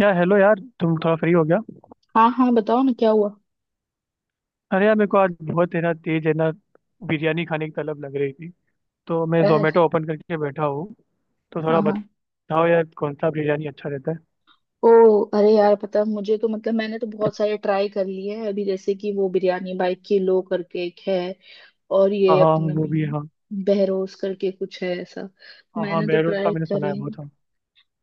यार हेलो। यार तुम थोड़ा फ्री हो गया? हाँ हाँ बताओ ना क्या हुआ। अरे यार मेरे को आज बहुत है ना, तेज है ना बिरयानी खाने की तलब लग रही थी। तो मैं अर, जोमेटो ओपन करके बैठा हूँ। तो हाँ थोड़ा हाँ। बताओ यार, कौन सा बिरयानी अच्छा रहता है? ओ। अरे यार पता है, मुझे तो मतलब मैंने तो बहुत सारे ट्राई कर लिए हैं अभी, जैसे कि वो बिरयानी बाई किलो करके एक है और हाँ ये हाँ, अपने वो भी है हाँ। बहरोस करके कुछ है ऐसा। हाँ हाँ, मैंने तो बैरोज का ट्राई मैंने सुना करे है हैं। बहुत, हाँ।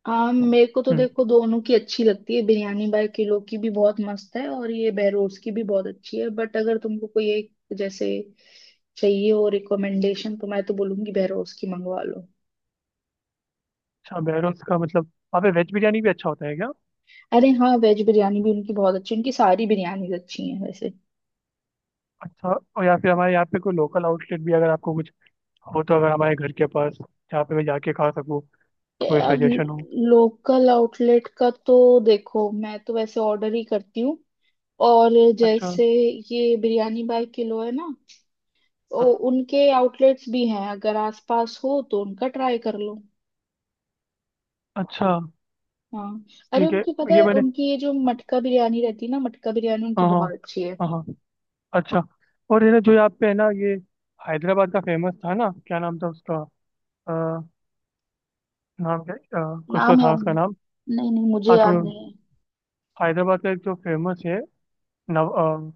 हाँ मेरे को तो हम्म। देखो दोनों की अच्छी लगती है, बिरयानी बाई किलो की भी बहुत मस्त है और ये बहरोस की भी बहुत अच्छी है, बट अगर तुमको कोई एक जैसे चाहिए हो रिकमेंडेशन तो मैं तो बोलूंगी बहरोस की मंगवा लो। अच्छा बैरोज का मतलब वहाँ पे वेज बिरयानी भी अच्छा होता है क्या? अरे हाँ वेज बिरयानी भी उनकी बहुत अच्छी, उनकी सारी बिरयानीज अच्छी हैं वैसे। अच्छा। और या फिर हमारे यहाँ पे कोई लोकल आउटलेट भी अगर आपको कुछ हो, तो अगर हमारे घर के पास जहाँ पे मैं जाके खा सकूँ, कोई यार सजेशन हो। लोकल आउटलेट का तो देखो मैं तो वैसे ऑर्डर ही करती हूँ। और अच्छा। जैसे ये बिरयानी बाय किलो है ना, ओ, हाँ। उनके आउटलेट्स भी हैं, अगर आसपास हो तो उनका ट्राई कर लो। अच्छा हाँ। अरे ठीक है। उनकी पता ये है मैंने, उनकी ये जो मटका बिरयानी रहती है ना, मटका बिरयानी उनकी हाँ हाँ, बहुत अच्छी है। हाँ हाँ, अच्छा। और है ना जो यहाँ पे है ना, ये हैदराबाद का फेमस था ना, क्या नाम था उसका? अ, नाम क्या? कुछ तो नाम था याद उसका नहीं। नाम। नहीं नहीं मुझे हाँ याद छोड़ो। नहीं हैदराबाद का एक जो फेमस है, नव अ,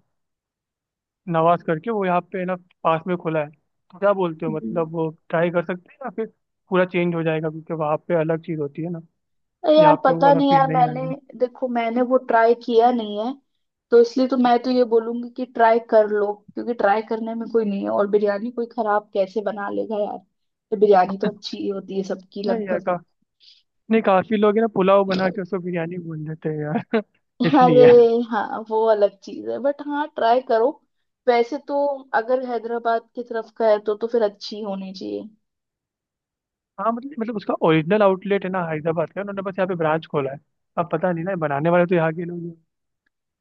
नवाज करके, वो यहाँ पे है ना, पास में खुला है। तो क्या बोलते हो, है। मतलब वो ट्राई कर सकते हैं या फिर पूरा चेंज हो जाएगा, क्योंकि वहाँ पे अलग चीज़ होती है ना, अरे यार यहाँ पे वो पता वाला नहीं फील यार, नहीं मैंने, आएगा। देखो मैंने वो ट्राई किया नहीं है, तो इसलिए तो मैं तो ये बोलूंगी कि ट्राई कर लो, क्योंकि ट्राई करने में कोई नहीं है, और बिरयानी कोई खराब कैसे बना लेगा यार, तो बिरयानी तो अच्छी ही होती है सबकी नहीं यार लगभग। का, नहीं काफी लोग है ना पुलाव बना के उसको बिरयानी बोल देते हैं यार। अरे इसलिए। हाँ वो अलग चीज है बट हाँ ट्राई करो। वैसे तो अगर हैदराबाद की तरफ का है तो फिर अच्छी होनी चाहिए। हाँ मतलब, उसका ओरिजिनल आउटलेट है ना हैदराबाद का, उन्होंने बस यहाँ पे ब्रांच खोला है। अब पता नहीं ना, ये बनाने वाले तो यहाँ के लोग ही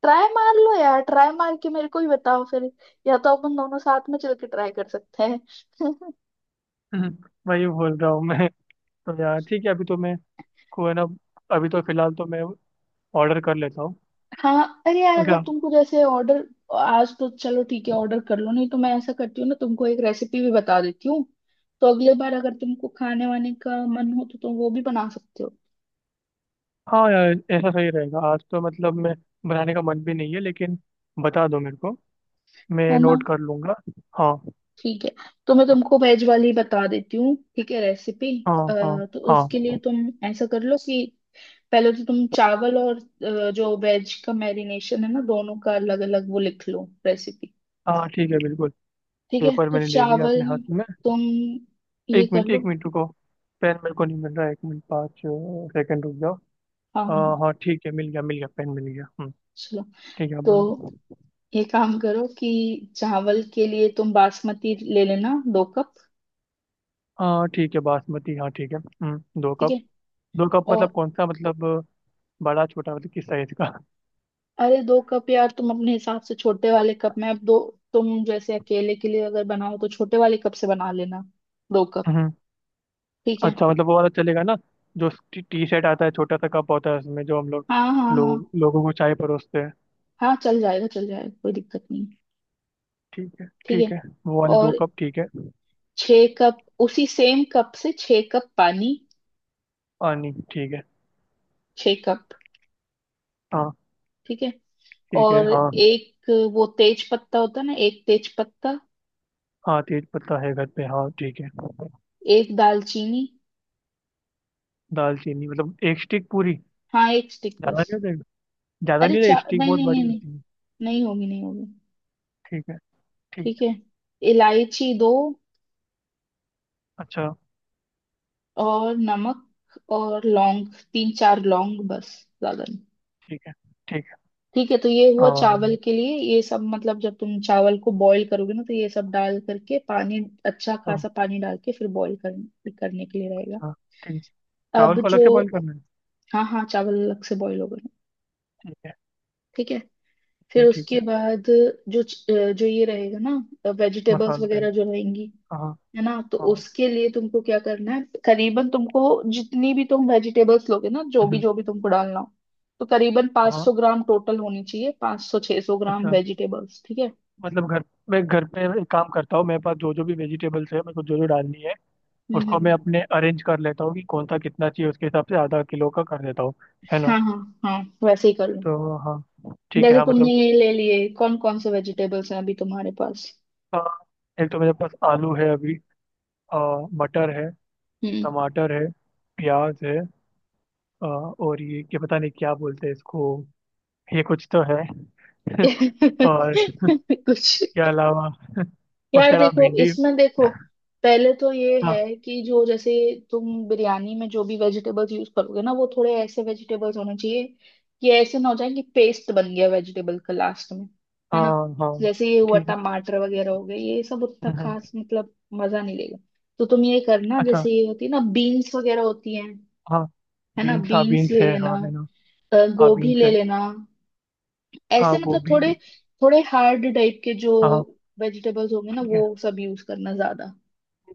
ट्राई मार लो यार, ट्राई मार के मेरे को ही बताओ फिर, या तो अपन दोनों साथ में चल के ट्राई कर सकते हैं हैं। वही बोल रहा हूँ मैं। तो यार ठीक है, अभी तो मैं को है ना, अभी तो फिलहाल तो मैं ऑर्डर कर लेता हूँ। हाँ। अरे यार अगर अच्छा। तुमको जैसे ऑर्डर, आज तो चलो ठीक है ऑर्डर कर लो, नहीं तो मैं ऐसा करती हूँ ना, तुमको एक रेसिपी भी बता देती हूँ, तो अगले बार अगर तुमको खाने वाने का मन हो तो तुम वो भी बना सकते हो, हाँ यार ऐसा सही रहेगा। आज तो मतलब मैं बनाने का मन भी नहीं है, लेकिन बता दो मेरे को, मैं है ना। नोट कर लूंगा। हाँ ठीक है। तो मैं तुमको वेज वाली बता देती हूँ, ठीक है, रेसिपी। हाँ। हाँ तो उसके लिए हाँ। तुम ऐसा कर लो कि पहले तो तुम चावल और जो वेज का मैरिनेशन है ना, दोनों का अलग अलग वो लिख लो रेसिपी। हाँ ठीक है बिल्कुल। ठीक है पेपर तो मैंने ले लिया चावल, अपने हाथ में। तुम ये कर एक लो। मिनट रुको, पेन मेरे को नहीं मिल रहा है, एक मिनट पाँच सेकंड रुक जाओ। हाँ हाँ हाँ, हाँ ठीक है, मिल गया, पेन मिल गया। हम्म। चलो। ठीक है, आप तो बोलो। ये काम करो कि चावल के लिए तुम बासमती ले लेना, दो कप। हाँ ठीक है, बासमती, हाँ ठीक है, हम्म, दो ठीक कप। है दो कप और, मतलब कौन सा मतलब, बड़ा छोटा, मतलब किस साइज का? अरे दो कप यार तुम अपने हिसाब से छोटे वाले कप में, अब दो तुम जैसे अकेले के लिए अगर बनाओ तो छोटे वाले कप से बना लेना, दो कप। हम्म। ठीक है। अच्छा मतलब वो वाला चलेगा ना, जो टी शर्ट आता है, छोटा सा कप होता है, उसमें जो हम लोग हाँ हाँ हाँ। लोग लोगों को चाय परोसते हैं। हाँ चल जाएगा चल जाएगा, कोई दिक्कत नहीं है, ठीक है ठीक है। ठीक है, वो वाले दो और कप ठीक है। छः कप, उसी सेम कप से छः कप पानी। पानी ठीक है। छः कप। हाँ ठीक है। ठीक है। और हाँ एक वो तेज पत्ता होता है ना, एक तेज पत्ता, हाँ तेज पत्ता है घर पे, हाँ ठीक है। एक दालचीनी। दालचीनी मतलब एक स्टिक पूरी? हाँ एक स्टिक ज़्यादा बस। नहीं होता? अरे चार, स्टिक नहीं बहुत नहीं बड़ी नहीं नहीं, होती है। नहीं होगी नहीं होगी। ठीक है। ठीक। ठीक है। इलायची दो, अच्छा। और नमक और लौंग, तीन चार लौंग बस, ज्यादा नहीं। ठीक है। ठीक है। ठीक है, तो ये हुआ चावल अम, के लिए, ये सब मतलब जब तुम चावल को बॉईल करोगे ना तो ये सब डाल करके पानी, अच्छा अ, खासा पानी डाल के फिर करने के लिए रहेगा। अच्छा ठीक। अब चावल को जो, अलग से बॉईल करना है? हाँ हाँ चावल अलग से बॉईल हो गए, ठीक है। ठीक है। ठीक फिर है ठीक उसके है। बाद जो ये रहेगा ना वेजिटेबल्स मसाला टाइप। वगैरह जो रहेंगी, हाँ। है ना, तो हाँ उसके लिए तुमको क्या करना है, करीबन तुमको जितनी भी तुम वेजिटेबल्स लोगे ना, हम्म, जो भी तुमको डालना हो, तो करीबन हाँ। 500 ग्राम टोटल होनी चाहिए, 500 600 ग्राम अच्छा वेजिटेबल्स, ठीक है। मतलब घर, मैं घर पे एक काम करता हूँ, मेरे पास जो जो भी वेजिटेबल्स है, मेरे को जो जो डालनी है, हम्म उसको हम्म, मैं हम्म। अपने अरेंज कर लेता हूँ कि कौन सा कितना चाहिए, उसके हिसाब से आधा किलो का कर देता हूँ, है ना। हाँ हाँ। हाँ वैसे ही कर लो। तो हाँ ठीक है, जैसे हाँ तुमने मतलब, ये ले लिए, कौन कौन से वेजिटेबल्स हैं अभी तुम्हारे पास। अ, एक तो मेरे पास आलू है अभी, अ, मटर है, हम्म। टमाटर है, प्याज है, और ये क्या पता नहीं क्या बोलते हैं इसको, ये कुछ तो है और इसके कुछ। अलावा उसके यार अलावा देखो, भिंडी। इसमें देखो पहले तो ये हाँ है कि जो जैसे, तुम बिरयानी में जो भी वेजिटेबल्स यूज करोगे ना वो थोड़े ऐसे वेजिटेबल्स होने चाहिए कि ऐसे ना हो जाए कि पेस्ट बन गया वेजिटेबल का लास्ट में, है ना। हाँ। हाँ जैसे ये हुआ ठीक है। टमाटर वगैरह हो गए ये सब, उतना हम्म, खास हम्म, मतलब मजा नहीं लेगा। तो तुम ये करना, अच्छा। जैसे ये होती है ना बीन्स वगैरह होती हैं, हाँ है ना, बीन्स, हाँ बीन्स बीन्स ले है लेना। हाँ, है ना, हाँ गोभी बीन्स ले है। लेना। हाँ ऐसे मतलब गोभी। थोड़े, थोड़े हार्ड टाइप के जो हाँ वेजिटेबल्स होंगे ना ठीक है। वो सब यूज करना ज्यादा।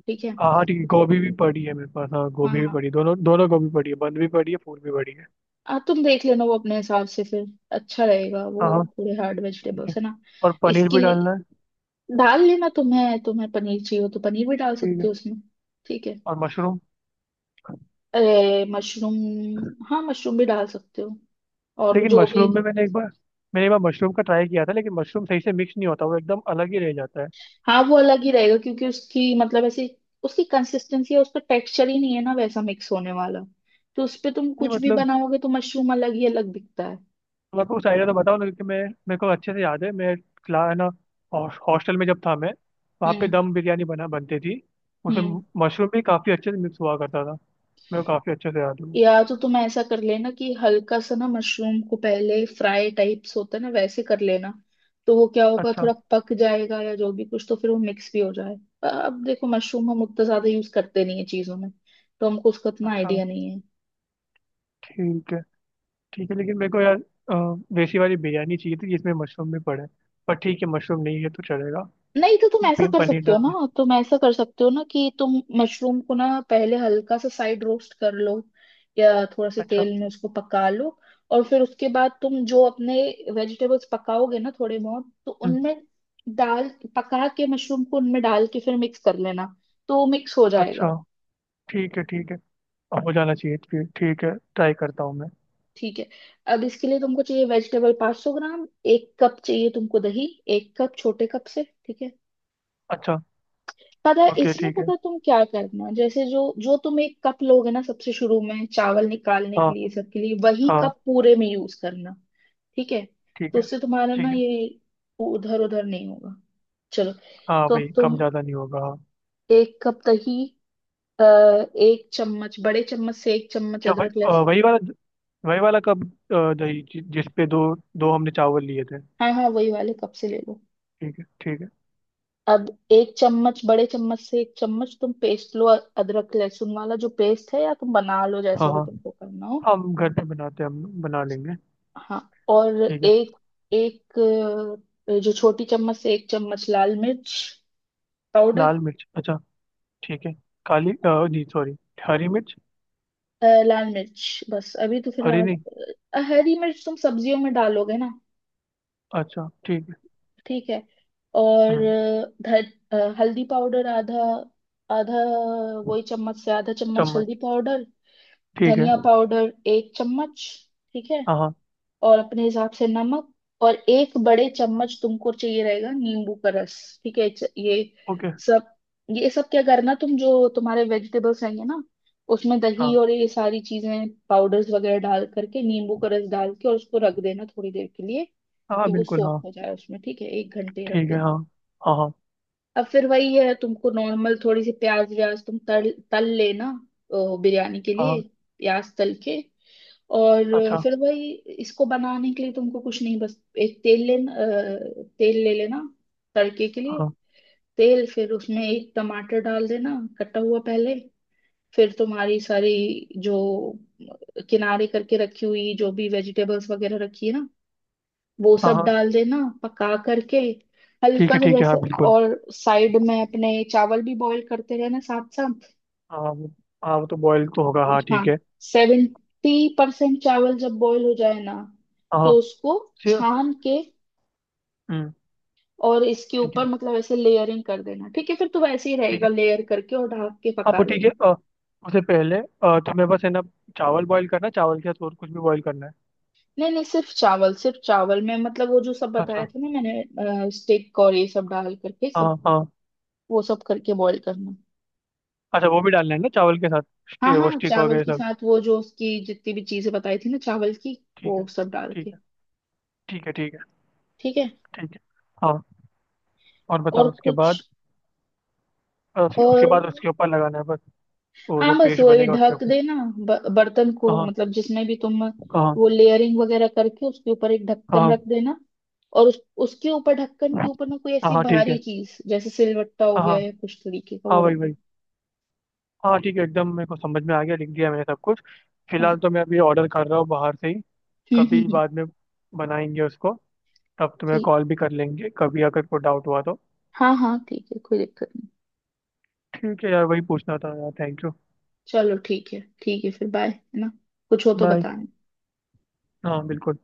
ठीक है। हाँ हाँ, ठीक है, गोभी भी पड़ी है मेरे पास, हाँ हाँ गोभी भी हाँ। पड़ी है, दोनों दोनों गोभी पड़ी है, बंद भी पड़ी है, फूल भी पड़ी है। तुम देख लेना वो अपने हिसाब से फिर, अच्छा रहेगा वो, हाँ हाँ। थोड़े हार्ड ठीक वेजिटेबल्स है। है ना। और पनीर इसके भी डालना लिए है। डाल लेना, तुम्हें तुम्हें पनीर चाहिए हो तो पनीर भी डाल ठीक सकते है। हो उसमें। ठीक है। और मशरूम। अरे मशरूम, हाँ मशरूम भी डाल सकते हो। और लेकिन जो भी, मशरूम में मैंने एक बार, मशरूम का ट्राई किया था, लेकिन मशरूम सही से मिक्स नहीं होता, वो एकदम अलग ही रह जाता है। हाँ वो अलग ही रहेगा क्योंकि उसकी मतलब ऐसी, उसकी कंसिस्टेंसी है, उसका टेक्सचर ही नहीं है ना वैसा मिक्स होने वाला। तो उस पे तुम नहीं कुछ भी मतलब बनाओगे तो मशरूम अलग ही अलग दिखता है। तुम आपको कुछ आइडिया तो बताओ ना, क्योंकि मैं मेरे को अच्छे से याद है, मैं क्ला है ना, हॉस्टल में जब था मैं, वहाँ पे हम्म दम बिरयानी बना बनती थी, उसमें हम्म। मशरूम भी काफ़ी अच्छे से मिक्स हुआ करता था, मेरे को काफ़ी अच्छे से याद है वो। या तो तुम ऐसा कर लेना कि हल्का सा ना मशरूम को पहले फ्राई टाइप्स होता है ना वैसे कर लेना, तो वो क्या होगा अच्छा। थोड़ा पक जाएगा या जो भी कुछ, तो फिर वो मिक्स भी हो जाए। अब देखो मशरूम हम उतना ज्यादा यूज करते नहीं है चीजों में, तो हमको उसका इतना अच्छा आइडिया नहीं है। ठीक है। ठीक है, लेकिन मेरे को यार देसी वाली बिरयानी चाहिए थी जिसमें मशरूम भी पड़े, पर ठीक है मशरूम नहीं है तो चलेगा। नहीं तो तुम ऐसा कर पनीर सकते हो डाल दे। ना, तुम ऐसा कर सकते हो ना कि तुम मशरूम को ना पहले हल्का सा साइड रोस्ट कर लो, या थोड़ा से अच्छा। तेल में उसको पका लो, और फिर उसके बाद तुम जो अपने वेजिटेबल्स पकाओगे ना थोड़े बहुत, तो हम्म। उनमें डाल, पका के मशरूम को उनमें डाल के फिर मिक्स कर लेना, तो मिक्स हो अच्छा जाएगा। ठीक है। ठीक है, हो जाना चाहिए फिर। ठीक है, ट्राई करता हूँ मैं। ठीक है। अब इसके लिए तुमको चाहिए वेजिटेबल 500 ग्राम, एक कप चाहिए तुमको दही, एक कप छोटे कप से, ठीक है। अच्छा। पता है ओके इसमें, ठीक है। पता है तुम क्या करना, जैसे जो जो तुम एक कप लोगे ना सबसे शुरू में चावल निकालने के हाँ। लिए, सबके लिए वही हाँ। कप पूरे में यूज करना। ठीक है। ठीक तो है। उससे तुम्हारा ना ठीक है। ये, उधर उधर नहीं होगा। चलो। हाँ तो भाई, अब कम तुम ज़्यादा नहीं होगा हाँ। एक कप दही, अ, एक चम्मच, बड़े चम्मच से एक चम्मच क्या भाई, अदरक लहसुन। वही वाला, कब? दही जिस पे दो, दो हमने चावल लिए थे। हाँ हाँ वही वाले कप से ले लो। ठीक है ठीक है। अब एक चम्मच, बड़े चम्मच से एक चम्मच तुम पेस्ट लो, अदरक लहसुन वाला जो पेस्ट है, या तुम बना लो हाँ जैसा भी तुमको करना हो। हाँ, हम घर पे बनाते हैं, हम बना लेंगे। हाँ, और ठीक है। एक, एक जो छोटी चम्मच से एक चम्मच लाल मिर्च पाउडर, लाल मिर्च, अच्छा, ठीक है। काली नहीं सॉरी, हरी मिर्च। लाल मिर्च बस अभी तो हरी फिलहाल। नहीं? हरी मिर्च तुम सब्जियों में डालोगे ना। अच्छा ठीक है। ठीक है। और हम्म, हल्दी पाउडर आधा, आधा वही चम्मच से आधा चम्मच हल्दी चम्मच पाउडर, ठीक है। धनिया पाउडर एक चम्मच। ठीक है। हाँ हाँ। और अपने हिसाब से नमक, और एक बड़े चम्मच तुमको चाहिए रहेगा नींबू का रस। ठीक है, ये ओके। सब, ये सब क्या करना, तुम जो तुम्हारे वेजिटेबल्स रहेंगे ना उसमें दही हाँ और ये सारी चीजें पाउडर्स वगैरह डाल करके नींबू का रस डाल के और उसको रख देना थोड़ी देर के लिए, कि हाँ वो बिल्कुल सोख हाँ। हो जाए उसमें, ठीक है, एक घंटे रख ठीक है। देना। हाँ हाँ। हाँ अब फिर वही है, तुमको नॉर्मल थोड़ी सी प्याज व्याज तुम तल तल लेना, बिरयानी के लिए हाँ। प्याज तल के। और अच्छा। फिर वही, इसको बनाने के लिए तुमको कुछ नहीं बस एक तेल लेना, तेल ले लेना तड़के के लिए। हाँ तेल फिर उसमें एक टमाटर डाल देना कटा हुआ पहले, फिर तुम्हारी सारी जो किनारे करके रखी हुई जो भी वेजिटेबल्स वगैरह रखी है ना, वो हाँ। सब हाँ डाल देना, पका करके ठीक हल्का है सा ठीक है। जैसे। हाँ बिल्कुल। और साइड में अपने चावल भी बॉईल करते रहना साथ साथ। हाँ वो, हाँ वो तो बॉयल तो होगा, हाँ हाँ, ठीक है। 70% चावल जब बॉईल हो जाए ना हाँ तो उसको से, छान के हम्म, और इसके ठीक ऊपर है। मतलब ऐसे लेयरिंग कर देना, ठीक है फिर तो वैसे ही ठीक रहेगा, है। लेयर करके और ढक के हाँ पका वो ठीक है, लेना। उससे पहले तुम्हें बस है ना चावल बॉईल करना है, चावल के साथ और कुछ भी बॉईल करना है? नहीं नहीं, सिर्फ चावल, सिर्फ चावल में मतलब वो जो सब बताया अच्छा। था ना मैंने, स्टेक और ये सब डाल करके सब, हाँ हाँ। वो सब करके बॉईल करना। अच्छा वो भी डालना है ना चावल के साथ, हाँ वो हाँ स्टिक चावल वगैरह के सब? साथ, वो जो उसकी जितनी भी चीजें बताई थी ना चावल की, ठीक है। वो सब डाल के। ठीक है। ठीक है। ठीक है। ठीक है, ठीक है। हाँ, और और बताओ उसके कुछ, बाद? उसके और बाद उसके ऊपर लगाना है बस, वो जो हाँ बस पेस्ट वही बनेगा उसके ढक ऊपर। देना, बर्तन को, हाँ। मतलब जिसमें भी तुम हाँ वो लेयरिंग वगैरह करके उसके ऊपर एक ढक्कन हाँ। रख देना, और उसके ऊपर ढक्कन के हाँ ऊपर ना कोई हाँ। ऐसी हाँ ठीक भारी है। चीज जैसे सिलवट्टा हो हाँ हाँ। गया या कुछ तरीके का हाँ वो रख वही देना। वही। हाँ ठीक है, एकदम मेरे को समझ में आ गया, लिख दिया मैंने सब कुछ। हाँ। फिलहाल तो मैं अभी ऑर्डर कर रहा हूँ बाहर से ही, हम्म हम्म कभी हम्म, बाद में बनाएंगे उसको, तब तुम्हें ठीक। कॉल भी कर लेंगे कभी अगर कोई डाउट हुआ तो। हाँ हाँ ठीक है, कोई दिक्कत नहीं। ठीक है यार, वही पूछना था यार, थैंक यू। चलो ठीक है, ठीक है फिर बाय, है ना, कुछ हो तो बाय। बताना। हाँ बिल्कुल।